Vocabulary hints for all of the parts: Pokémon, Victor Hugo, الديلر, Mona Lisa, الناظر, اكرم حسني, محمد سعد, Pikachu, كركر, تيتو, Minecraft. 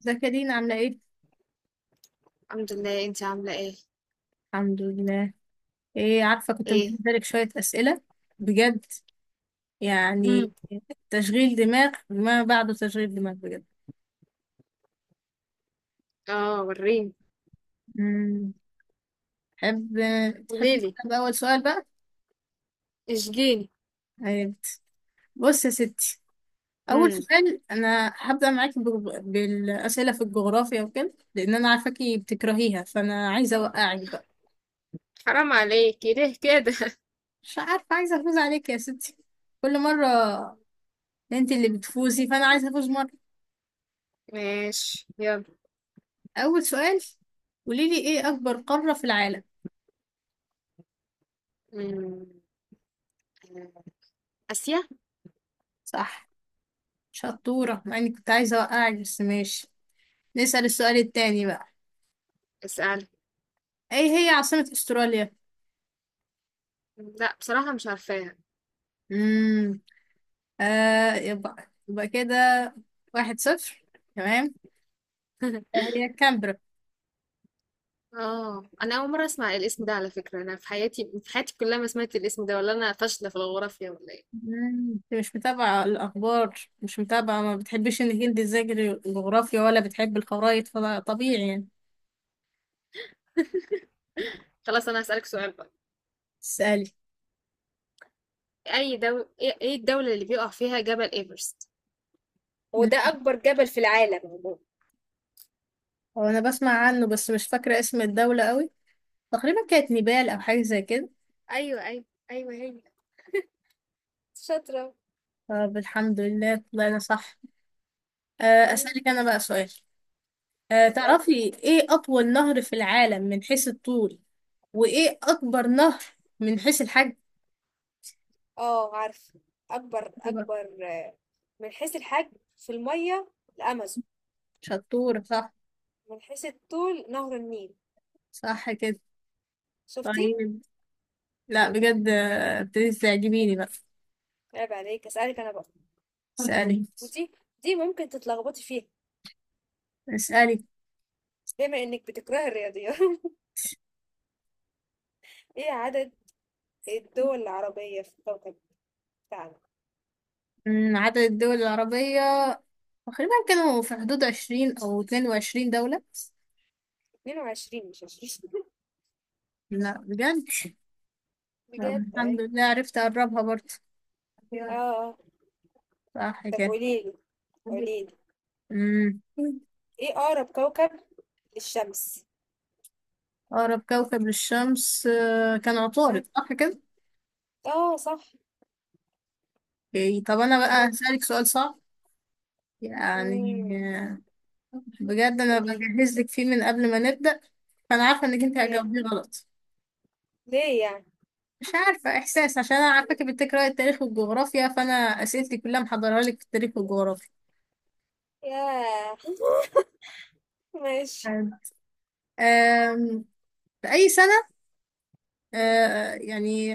ازيك يا دينا عاملة ايه؟ الحمد لله. انت عامله ايه؟ الحمد لله. ايه عارفة كنت ايه. مجهزة لك شوية أسئلة. بجد امم يعني تشغيل دماغ ما بعده تشغيل دماغ بجد. اه وريني. مم. تحب تحبي قوليلي. نبدأ بأول سؤال بقى؟ اشجيني. طيب. بص يا ستي، أول امم سؤال أنا هبدأ معاكي بالأسئلة في الجغرافيا وكده، لأن أنا عارفاكي بتكرهيها فأنا عايزة أوقعك بقى. حرام عليكي ليه كده؟ مش عارفة، عايزة أفوز عليك يا ستي كل مرة. انت اللي بتفوزي فأنا عايزة أفوز. ماشي يلا. أول سؤال، قوليلي إيه أكبر قارة في العالم؟ امم آه، اسيا. صح، شطورة، مع إني كنت عايزة أوقعك بس ماشي. نسأل السؤال التاني بقى. اسال. إيه هي عاصمة أستراليا؟ لا بصراحه مش عارفاها. مم. يبقى كده، 1-0، تمام. إيه هي كامبرا. اه انا اول مره اسمع الاسم ده على فكره، انا في حياتي كلها ما سمعت الاسم ده، ولا انا فاشله في الجغرافيا ولا ايه؟ انت مش متابعة الأخبار، مش متابعة، ما بتحبش إنك انت تذاكري الجغرافيا ولا بتحب الخرايط، فطبيعي يعني. خلاص انا هسالك سؤال بقى. تسألي. اي دول ايه إيه الدوله اللي بيقع فيها جبل ايفرست هو، مم. العالم عموما؟ هو أنا بسمع عنه بس مش فاكرة اسم الدولة قوي. تقريبا كانت نيبال أو حاجة زي كده. ايوه ايوه ايوه هي شاطره طب الحمد لله طلعنا صح. مم، أسألك أنا بقى سؤال. اسألي. تعرفي إيه أطول نهر في العالم من حيث الطول، وإيه أكبر نهر من حيث الحجم؟ اه عارفة. أكبر دي بقى. أكبر من حيث الحجم، في المية الأمازون. شطورة، صح. من حيث الطول نهر النيل. صح كده. شفتي؟ طيب، لا بجد ابتديتي تعجبيني بقى. عيب عليك، أسألك أنا بقى. اسألي. ودي دي ممكن تتلخبطي فيها اسألي. بما إنك بتكرهي الرياضيات. إيه عدد الدول العربية في الكوكب بتاعنا؟ عدد الدول العربية تقريبا كانوا في حدود 20 أو 22 دولة. 22 مش 20. لا بجد. طب بجد الحمد أيوة. لله عرفت أقربها برضه. اه آه. صح طب كده. قوليلي، قوليلي مم. إيه أقرب كوكب للشمس؟ أقرب كوكب للشمس كان ها؟ عطارد صح كده؟ اه صح. إيه، طب أنا بقى برافو. هسألك سؤال صعب مم، يعني. آه، بجد أنا قوليلي. بجهز لك فيه من قبل ما نبدأ، فأنا عارفة إنك أنت يا هتجاوبيه غلط. ليه يعني؟ مش عارفة، إحساس، عشان أنا عارفاكي بتقرأي التاريخ والجغرافيا، فأنا أسئلتي كلها محضرها لك في التاريخ والجغرافيا. ياه! ماشي. حلو. آم، في أي سنة آه، يعني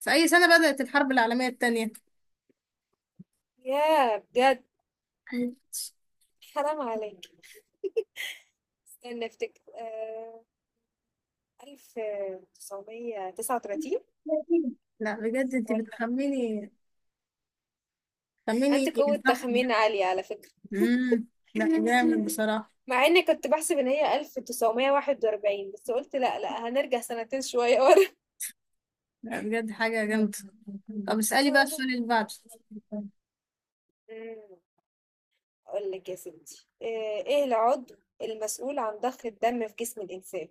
في أي سنة بدأت الحرب العالمية التانية؟ ياه! بجد حرام عليكِ. استني أفتكر 1939. لا بجد أنت والّا بتخميني. خميني. عندِك قوة صح. تخمين عالية على فكرة. امم لا، جامد بصراحة. مع إني كنت باحسب إن هي 1941، بس قُلت لأ، لأ، هنرجع سنتين شوية ورا. لا بجد، حاجة جامدة. طب اسألي بقى السؤال اللي بعده. إمم، هاقول لِك يا ستي إيه العضو المسؤول عن ضخ الدم في جسم الإنسان؟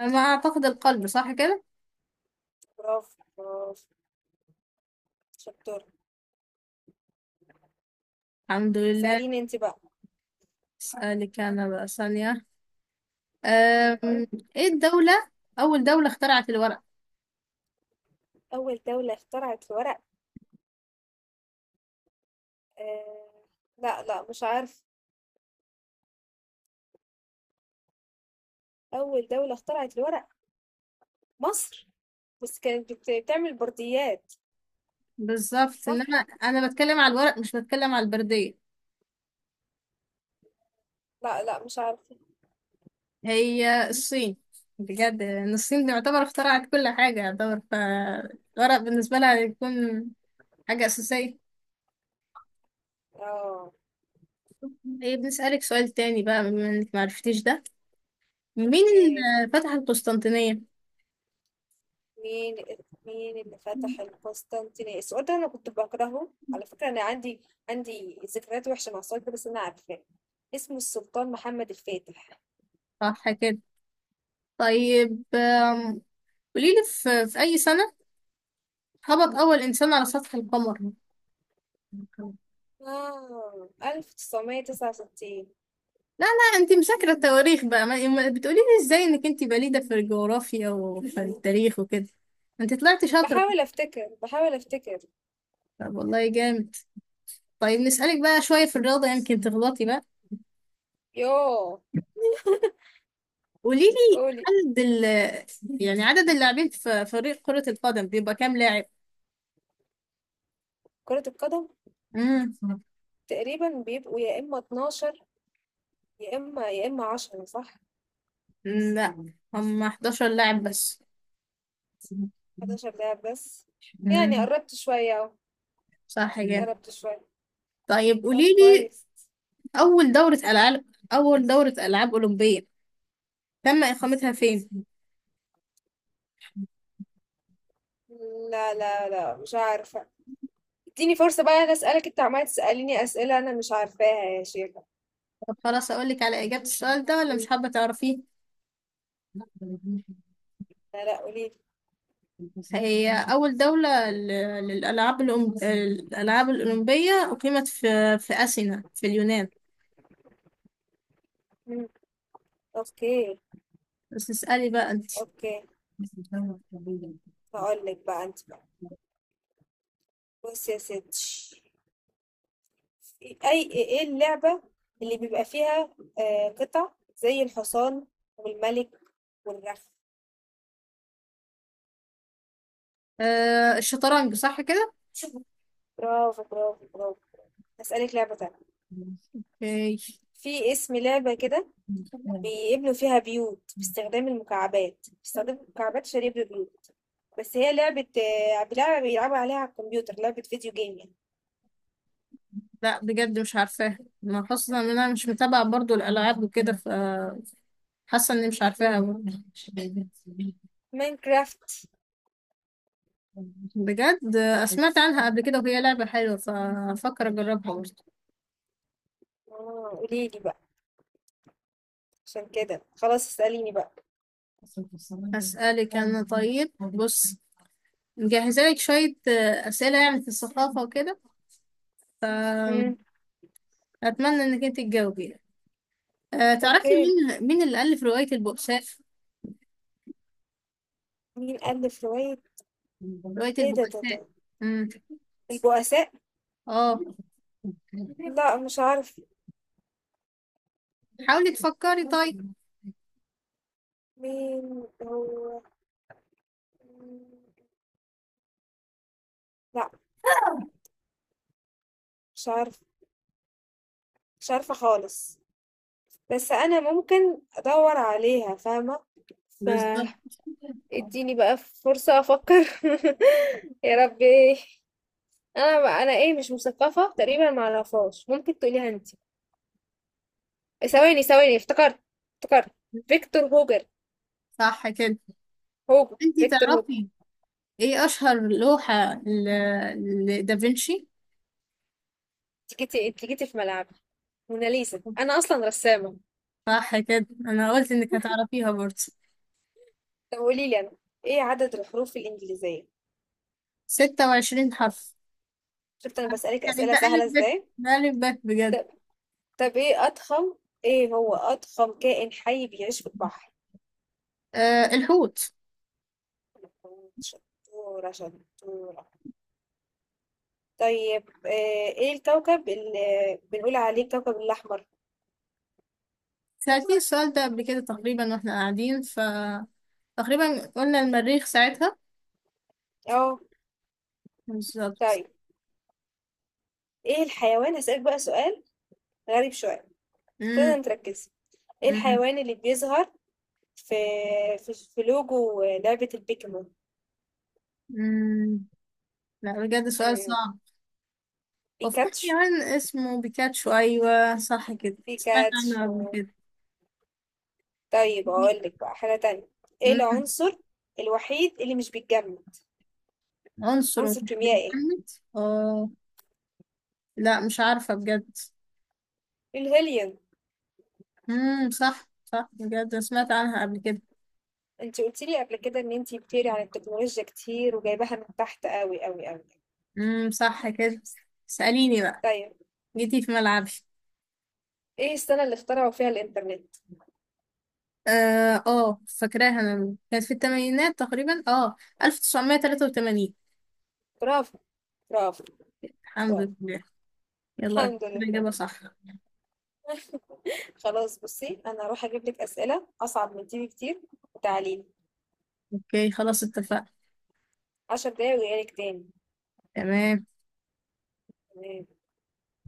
ما أعتقد القلب صح كده. برافو، برافو، شطورة. الحمد لله. اسأليني أنتِ بقى. اسألك أنا بقى ثانية. اهم، أم... ايه الدولة أول دولة اخترعت الورق. أول دولة اخترعت ورق آه. لا لا مش عارف. أول دولة اخترعت الورق مصر، بس كانت بتعمل برديات، بالظبط، صح؟ إنما أنا بتكلم على الورق مش بتكلم على البردية. لا لا مش عارفة. هي الصين. بجد إن الصين تعتبر اخترعت كل حاجة يعتبر، فالورق بالنسبة لها يكون حاجة أساسية. اه. ايه، بنسألك سؤال تاني بقى بما إنك معرفتيش ده. مين اوكي. اللي فتح القسطنطينية؟ مين مين اللي فتح القسطنطينية؟ السؤال ده انا كنت بكرهه على فكرة، انا عندي ذكريات وحشة مع السؤال ده، بس انا عارفاه. اسمه السلطان محمد الفاتح. صح كده. طيب، قوليلي في أي سنة هبط أول إنسان على سطح القمر؟ اه 1969. لا، لا، انت مذاكرة التواريخ بقى، ما بتقوليلي ازاي انك انت بليدة في الجغرافيا وفي التاريخ وكده. انت طلعتي شاطرة. بحاول افتكر، بحاول افتكر. طب والله جامد. طيب نسألك بقى شوية في الرياضة، يمكن تغلطي بقى. يوه. قوليلي قولي. عدد ال يعني عدد اللاعبين في فريق كرة القدم بيبقى كام لاعب؟ كرة القدم امم تقريبًا بيبقوا يا إمّا 12، يا إمّا 10، صح؟ لا، هم 11 لاعب بس. 11 لاعب بس، يعني مم. قرّبت شوية أهو. صح جدا. قرّبت شوية. طيب قولي طب لي كويس. أول دورة ألعاب أول دورة ألعاب أولمبية تم إقامتها فين؟ لا، لا، لأ مش عارفة. ادّيني فرصة بقى أنا أسألك، أنتِ عمّالة تسأليني أسئلة أنا مش عارفاها يا شيخة. طب خلاص أقول لك على إجابة السؤال ده، ولا مش حابة تعرفيه؟ لا، لأ قولي لي. هي أول دولة للألعاب الألعاب الأولمبية أقيمت في أثينا في اليونان. إمم. أوكي. بس اسألي بقى أنت. أوكي، هاقول لِك بقى أنتِ بقى. بُصّي يا ستّي، إ أي إيه اللعبة اللي بيبقى فيها قطع زي الحصان والملك والرخ؟ آه، الشطرنج صح كده؟ برافو، برافو، برافو. هسألك لعبة تانية. اوكي. في اسم لعبة كده بيبنوا فيها بيوت باستخدام المكعبات، باستخدام مكعبات عشان يبنوا بيوت، بس هي لعبة لعبة بيلعبوا عليها على الكمبيوتر، لعبة فيديو جيم يعني. لا بجد مش عارفاها، ما خاصة ان انا مش متابعة برضو الالعاب وكده، فحاسة اني مش عارفاها برضو. ماينكرافت. بجد سمعت عنها قبل كده وهي لعبة حلوة فأفكر أجربها برضه. اه قوليلي بقى، عشان كده خلاص اسأليني بقى. أسألك أنا طيب. بص، مجهزة لك شوية أسئلة يعني في الثقافة وكده، فأتمنى مم. إنك أنت تجاوبي يعني. تعرفي اوكي. مين اللي ألف رواية البؤساء؟ مين ألف رواية رواية ايه ده ده ده البؤساء. امم البؤساء؟ اه لا مش عارف حاولي تفكري طيب. مين هو. مم، لا مش عارف. مش عارفة خالص، بس انا ممكن ادور عليها، فاهمة؟ ف اديني بقى فرصة افكر. يا ربي. انا بقى انا ايه، مش مثقفة تقريبا، ما اعرفهاش. ممكن تقوليها انت؟ ثواني، ثواني افتكرت، افتكرت، فيكتور هوجر. صح كده. هوجر، انتي فيكتور هوجر. تعرفي ايه اشهر لوحة لدافنشي. انت جيتي في ملعبي. موناليزا، انا اصلا رسامة. صح كده، انا قلت انك هتعرفيها برضه. طب قولي لي انا، ايه عدد الحروف الانجليزية؟ 26 حرف. شفت انا بسألك يعني اسئلة ده ألف سهلة ب، ازاي. ده ألف ب بجد. طب طب ايه هو اضخم كائن حي بيعيش في البحر؟ آه، الحوت. شطورة، شطورة. طيب ايه الكوكب اللي بنقول عليه الكوكب الأحمر؟ سألتني السؤال ده قبل كده تقريبا واحنا قاعدين تقريبا قلنا المريخ ساعتها. اه. بالظبط. طيب ايه الحيوان هسألك بقى سؤال غريب شوية، مم، لازم تركزي. ايه مم، الحيوان اللي بيظهر في لوجو لعبة البيكمون؟ مم. لا بجد سؤال مم، صعب. وفي بيكاتشو. حيوان اسمه بيكاتشو، أيوة صح كده سمعت عنه بيكاتشو. قبل كده. طيب اقول لك بقى حاجة تانية، ايه مم. العنصر الوحيد اللي مش بيتجمد؟ عنصر عنصر ومحدد. كيميائي. اه، لا مش عارفة بجد. الهيليوم. صح، صح بجد، سمعت عنها قبل كده. انت قلت لي قبل كده ان انت بتقري عن التكنولوجيا كتير، وجايباها من تحت قوي قوي قوي. صح كده. اسأليني بقى. طيب جيتي في ملعبي. ايه السنة اللي اخترعوا فيها الانترنت؟ فاكراها انا كانت في الثمانينات تقريبا، 1983. برافو، برافو، الحمد برافو. لله. يلا الحمد الإجابة لله. صح. خلاص بصي، انا هروح اجيب لك اسئلة اصعب من دي بكتير، وتعليم. اوكي خلاص اتفقنا. عشر دقايق وجايلك تاني. تمام